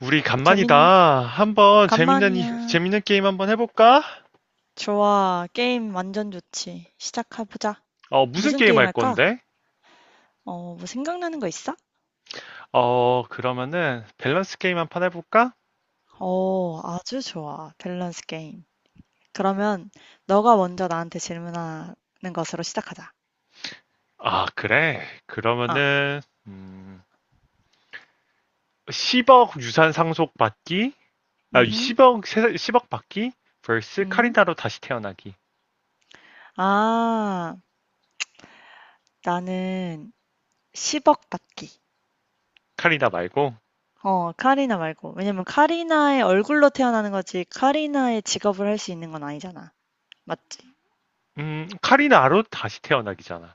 우리 재민, 간만이다. 한번 재밌는, 간만이야. 재밌는 게임 한번 해볼까? 좋아. 게임 완전 좋지. 시작해보자. 무슨 무슨 게임 게임 할 할까? 건데? 뭐 생각나는 거 있어? 그러면은, 밸런스 게임 한 판 해볼까? 아주 좋아. 밸런스 게임. 그러면 너가 먼저 나한테 질문하는 것으로 시작하자. 아, 그래. 아, 그러면은, 음, 10억 유산 상속 받기? 아, 음, 10억, 10억 받기? vs 음. 카리나로 다시 태어나기. 아, 나는 10억 받기. 카리나 말고, 카리나 말고. 왜냐면 카리나의 얼굴로 태어나는 거지, 카리나의 직업을 할 수 있는 건 아니잖아. 맞지? 카리나로 다시 태어나기잖아.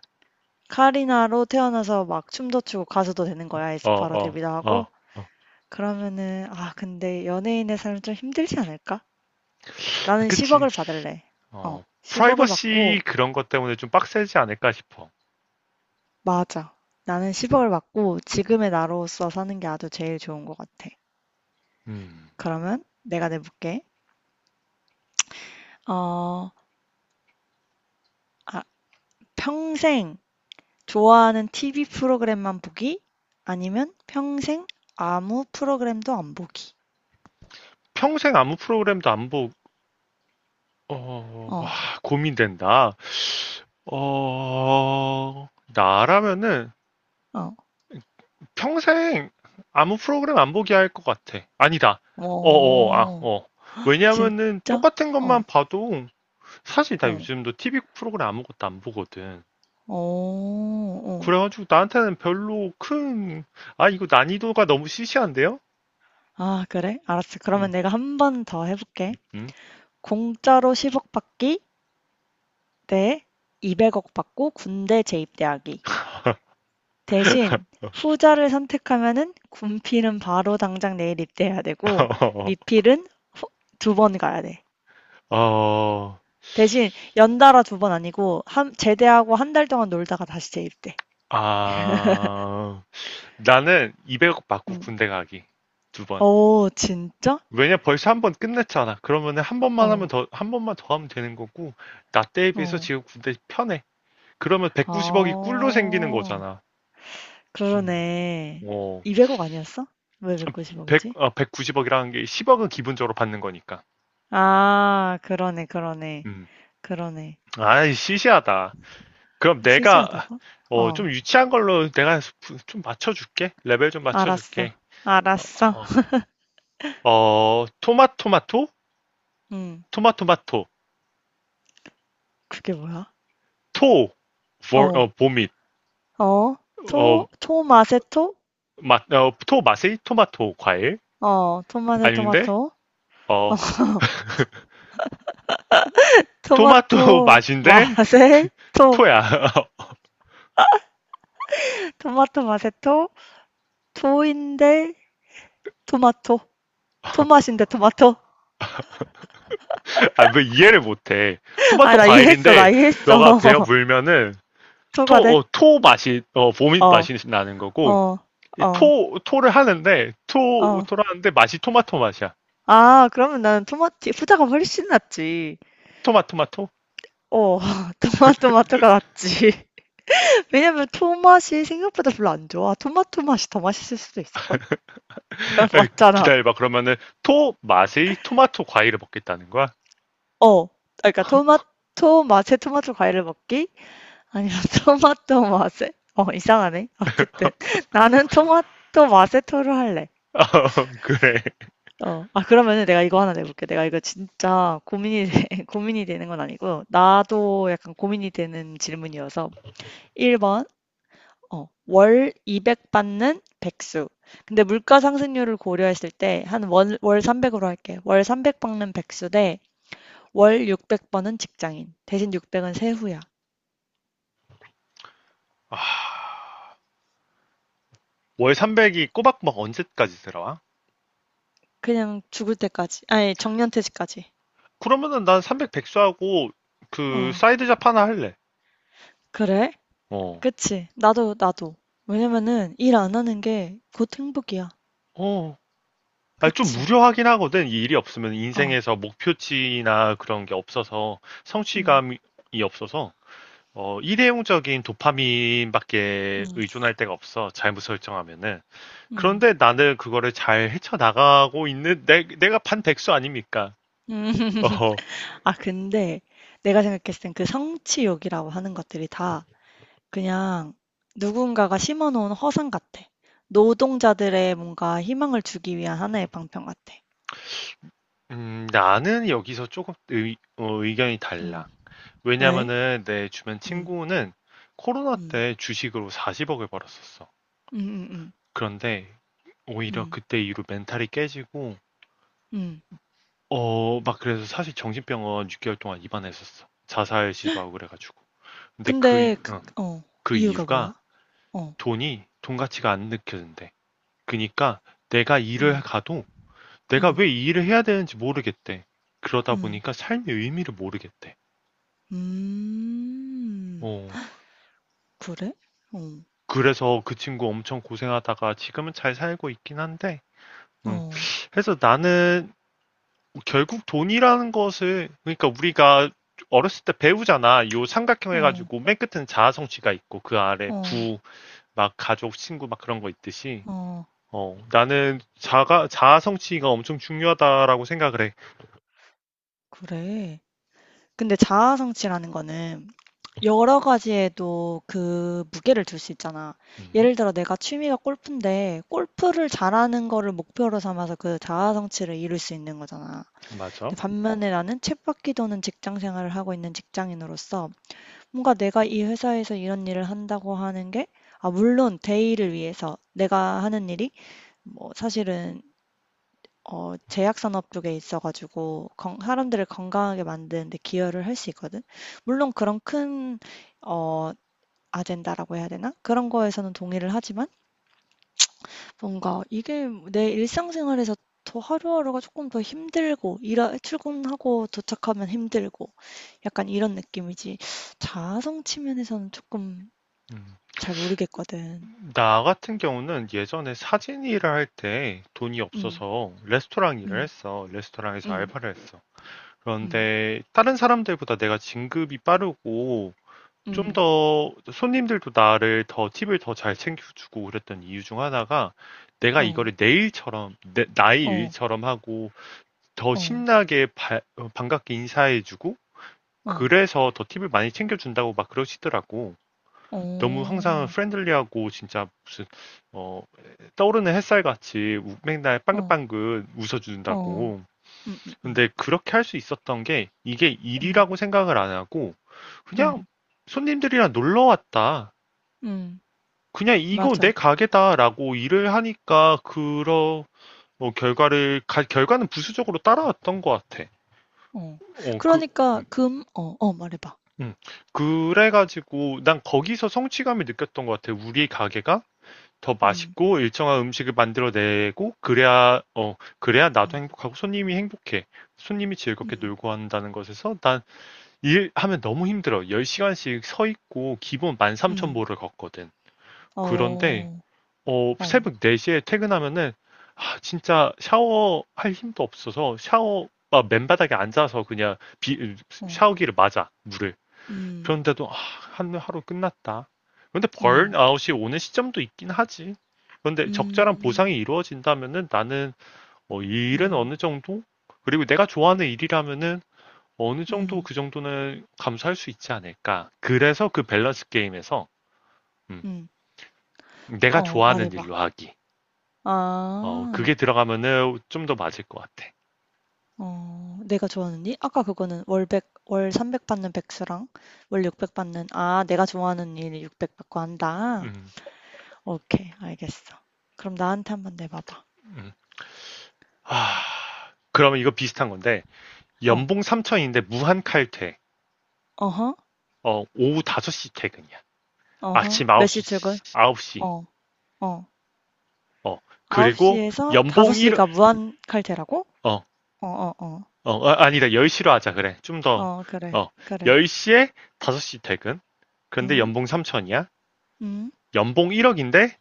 카리나로 태어나서 막 춤도 추고 가수도 되는 거야. 어, 에스파로 어, 데뷔도 하고. 어, 어. 그러면은 근데 연예인의 삶은 좀 힘들지 않을까? 나는 그치. 10억을 받을래. 10억을 프라이버시 받고 그런 것 때문에 좀 빡세지 않을까 싶어. 맞아. 나는 10억을 받고 지금의 나로서 사는 게 아주 제일 좋은 것 같아. 음. 그러면 내가 내볼게. 어, 아, 평생 좋아하는 TV 프로그램만 보기 아니면 평생 아무 프로그램도 안 보기. 평생 아무 프로그램도 안 보고, 와, 어, 고민된다. 어, 나라면은 어. 평생 아무 프로그램 안 보게 할 것 같아. 아니다. 어, 어, 어, 아, 오. 어. 왜냐면은 진짜? 똑같은 어, 것만 봐도 사실 나 어, 요즘도 TV 프로그램 아무것도 안 보거든. 어, 어. 그래가지고 나한테는 별로 큰, 아, 이거 난이도가 너무 시시한데요? 아, 그래? 알았어. 그러면 내가 한 번 더 해볼게. 음? 공짜로 10억 받기 대 200억 받고 군대 재입대하기. 대신 후자를 선택하면은 군필은 바로 당장 내일 입대해야 되고 미필은 두 번 가야 돼. 어, 대신 연달아 두 번 아니고 제대하고 한 달 동안 놀다가 다시 재입대. 아, 나는 200억 받고 음. 군대 가기. 두 번. 진짜? 왜냐 벌써 한 번 끝냈잖아. 그러면은 어, 한 번만 더 하면 되는 거고, 나 때에 비해서 어. 지금 군대 편해. 그러면 190억이 꿀로 생기는 아. 거잖아. 음. 그러네. 어, 200억 아니었어? 왜9 0억이 100, 지 아, 190억이라는 게 10억은 기본적으로 받는 거니까. 아, 그러네, 그러네, 음. 그러네. 아이, 시시하다. 그럼 시시하다고? 어, 좀 유치한 걸로 내가 좀 맞춰줄게. 레벨 좀 알았어, 맞춰줄게. 어, 알았어. 어. 토마토마토? 음, 토마토마토. 그게 뭐야? 토, 어, 보밋. 어, 어, 토, 토마세토? 토 맛이 토마토 과일 토마세 아닌데 토마토. 어 토마토 토마토, 맛인데 마세, 토. 토야 토마토 마세토. 토인데, 토마토. 토맛인데, 토마토. 아 왜 이해를 못해 아, 토마토 나 이해했어, 과일인데 나 너가 베어 이해했어. 물면은 토 토가 돼? 어 토 맛이 보밋 어, 맛이 나는 거고 어, 이 어, 토 토를 하는데 토 어. 토를 하는데 맛이 토마토 맛이야 그러면 나는 토마티 후자가 훨씬 낫지. 토마토마토 어 토마토마토가 낫지. 왜냐면 토맛이 생각보다 별로 안 좋아. 토마토 맛이 더 맛있을 수도 있을걸? 에, 맞잖아. 기다려봐 그러면은 토 맛의 토마토 과일을 먹겠다는 거야 어. 그러니까 토마토 맛에 토마토 과일을 먹기 아니면 토마토 맛에 이상하네. 어쨌든 나는 토마토 맛에 토를 할래. 그래 그러면은 내가 이거 하나 내볼게. 내가 이거 진짜 고민이 되는 건 아니고, 나도 약간 고민이 되는 질문이어서. 1번, 월 200 받는 백수. 근데 물가 상승률을 고려했을 때 한 월 300으로 할게. 월 300 받는 백수 대 월 600 버는 직장인. 대신 600은 세후야. 월 300이 꼬박꼬박 언제까지 들어와? 그냥 죽을 때까지. 아니, 정년퇴직까지. 그러면은 난 300 백수하고 그 어, 사이드 잡 하나 할래. 그래? 어. 그치. 나도, 나도. 왜냐면은 일 안 하는 게 곧 행복이야. 어. 아, 좀 그치. 무료하긴 하거든. 이 일이 없으면 어, 인생에서 목표치나 그런 게 없어서 음, 성취감이 없어서 일회용적인 도파민밖에 음, 의존할 데가 없어. 잘못 설정하면은. 음. 그런데 나는 그거를 잘 헤쳐나가고 있는 내가 반 백수 아닙니까? 음. 어, 근데 내가 생각했을 땐 그 성취욕이라고 하는 것들이 다 그냥 누군가가 심어놓은 허상 같아. 노동자들의 뭔가 희망을 주기 위한 하나의 방편 같아. 나는 여기서 조금 의견이 응. 달라. 왜? 왜냐면은 내 주변 응. 친구는 코로나 응. 때 주식으로 40억을 벌었었어. 응. 응. 응. 그런데 오히려 응. 그때 이후로 멘탈이 깨지고 응. 막 그래서 사실 정신병원 6개월 동안 입원했었어. 자살 시도하고 그래가지고. 근데 근데 그 이유가 뭐야? 이유가 어. 돈이 돈 가치가 안 느껴진대. 그니까 내가 일을 응. 가도 내가 응. 왜 이 일을 해야 되는지 모르겠대. 그러다 응. 보니까 삶의 의미를 모르겠대. 음. 어, 그래? 어. 그래서 그 친구 엄청 고생하다가 지금은 잘 살고 있긴 한데. 음. 어. 그래서 나는 결국 돈이라는 것을, 그러니까 우리가 어렸을 때 배우잖아. 요 삼각형 어. 해가지고 맨 끝에는 자아성취가 있고 그 아래 어. 부, 막 가족, 친구, 막 그런 거 있듯이. 어. 나는 자아성취가 엄청 중요하다라고 생각을 해. 그래. 근데 자아성취라는 거는 여러 가지에도 그 무게를 둘 수 있잖아. 음, 예를 들어 내가 취미가 골프인데 골프를 잘하는 거를 목표로 삼아서 그 자아 성취를 이룰 수 있는 거잖아. 맞아. 근데 반면에 나는 쳇바퀴 도는 직장 생활을 하고 있는 직장인으로서 뭔가 내가 이 회사에서 이런 일을 한다고 하는 게 물론 대의를 위해서 내가 하는 일이 뭐 사실은 제약산업 쪽에 있어가지고 사람들을 건강하게 만드는 데 기여를 할 수 있거든. 물론 그런 큰 어, 아젠다라고 해야 되나? 그런 거에서는 동의를 하지만 뭔가 이게 내 일상생활에서 더 하루하루가 조금 더 힘들고 일하 출근하고 도착하면 힘들고 약간 이런 느낌이지 자아성 측면에서는 조금 음. 잘 모르겠거든. 나 같은 경우는 예전에 사진 일을 할 때 돈이 음. 없어서 레스토랑 일을 음. 했어. 레스토랑에서 음. 알바를 했어. 음. 그런데 다른 사람들보다 내가 진급이 빠르고 좀 음. 더 손님들도 나를 더 팁을 더 잘 챙겨주고 그랬던 이유 중 하나가 내가 어. 이거를 내 일처럼, 나의 어. 일처럼 하고 더 어. 신나게 반갑게 인사해주고 어. 그래서 더 팁을 많이 챙겨준다고 막 그러시더라고. 너무 항상 어. 프렌들리하고 진짜 무슨 어, 떠오르는 햇살같이 맨날 어. 빵긋빵긋 어. 웃어준다고. 음. 근데 그렇게 할 수 있었던 게 이게 음. 일이라고 생각을 안 하고 그냥 음. 손님들이랑 놀러 왔다. 음, 음, 그냥 이거 맞아. 내 가게다라고 일을 하니까 그런 결과는 부수적으로 따라왔던 것 같아. 어. 어, 그, 그러니까 금 어. 말해 봐. 음. 그래가지고 난 거기서 성취감을 느꼈던 것 같아. 우리 가게가 더 음. 맛있고 일정한 음식을 만들어내고 그래야 나도 음. 행복하고 손님이 행복해. 손님이 즐겁게 음. 놀고 한다는 것에서 난 일하면 너무 힘들어. 10시간씩 서 있고 기본 음. 13,000보를 걷거든. 그런데 어. 어. 새벽 4시에 퇴근하면은, 아, 진짜 샤워할 힘도 없어서 아, 맨바닥에 앉아서 그냥 어. 샤워기를 맞아, 물을. 음. 그런데도, 아, 한 하루 끝났다. 근데 음. 번아웃이 오는 시점도 있긴 하지. 그런데 적절한 음. 보상이 이루어진다면은 나는, 이 일은 음. 어느 정도? 그리고 내가 좋아하는 일이라면은 어느 정도 음. 그 정도는 감수할 수 있지 않을까. 그래서 그 밸런스 게임에서, 음, 음. 내가 말해 좋아하는 봐. 일로 하기. 아. 그게 들어가면은 좀 더 맞을 것 같아. 내가 좋아하는 일? 아까 그거는 월백월300 받는 백수랑 월 600 받는 아, 내가 좋아하는 일 600 받고 한다. 음, 오케이. 알겠어. 그럼 나한테 한번 내봐 봐. 음. 하, 그러면 이거 비슷한 건데, 어. 연봉 3천인데 무한 칼퇴. 어허. 오후 5시 퇴근이야. 어허. 아침 몇 시 출근? 9시, 9시. 어. 어. 어, 아홉 시 그리고 에서 다섯 연봉 시 1, 가 무한 칼퇴라고? 어, 어, 어, 어. 아니다. 10시로 하자. 그래. 좀 더, 어 그래, 어, 그래. 10시에 5시 퇴근. 근데 음. 연봉 3천이야. 음. 연봉 1억인데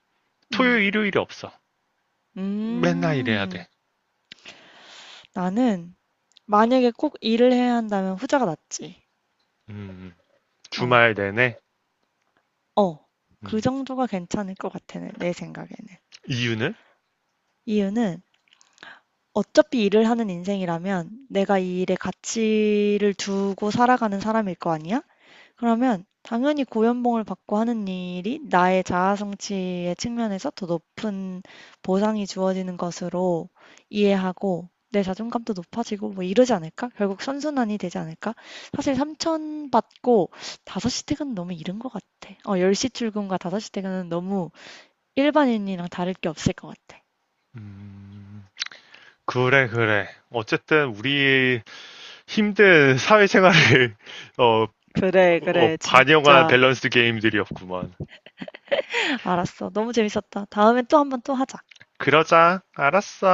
음. 토요일, 일요일이 없어. 맨날 일해야 돼. 음. 나는 만약에 꼭 일을 해야 한다면 후자가 낫지. 음, 어. 주말 내내. 어. 그 음, 정도가 괜찮을 것 같아. 내, 내 생각에는. 이유는? 이유는 어차피 일을 하는 인생이라면 내가 이 일에 가치를 두고 살아가는 사람일 거 아니야? 그러면 당연히 고연봉을 받고 하는 일이 나의 자아 성취의 측면에서 더 높은 보상이 주어지는 것으로 이해하고 내 자존감도 높아지고 뭐 이러지 않을까? 결국 선순환이 되지 않을까? 사실 3천 받고 5시 퇴근은 너무 이른 것 같아. 10시 출근과 5시 퇴근은 너무 일반인이랑 다를 게 없을 것 같아. 음, 그래, 그래. 어쨌든 우리 힘든 사회생활을 어, 그래, 그래, 반영한 진짜. 밸런스 게임들이었구먼. 알았어. 너무 재밌었다. 다음에 또 한번 또 하자. 그러자. 알았어.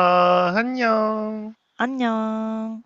안녕. 안녕.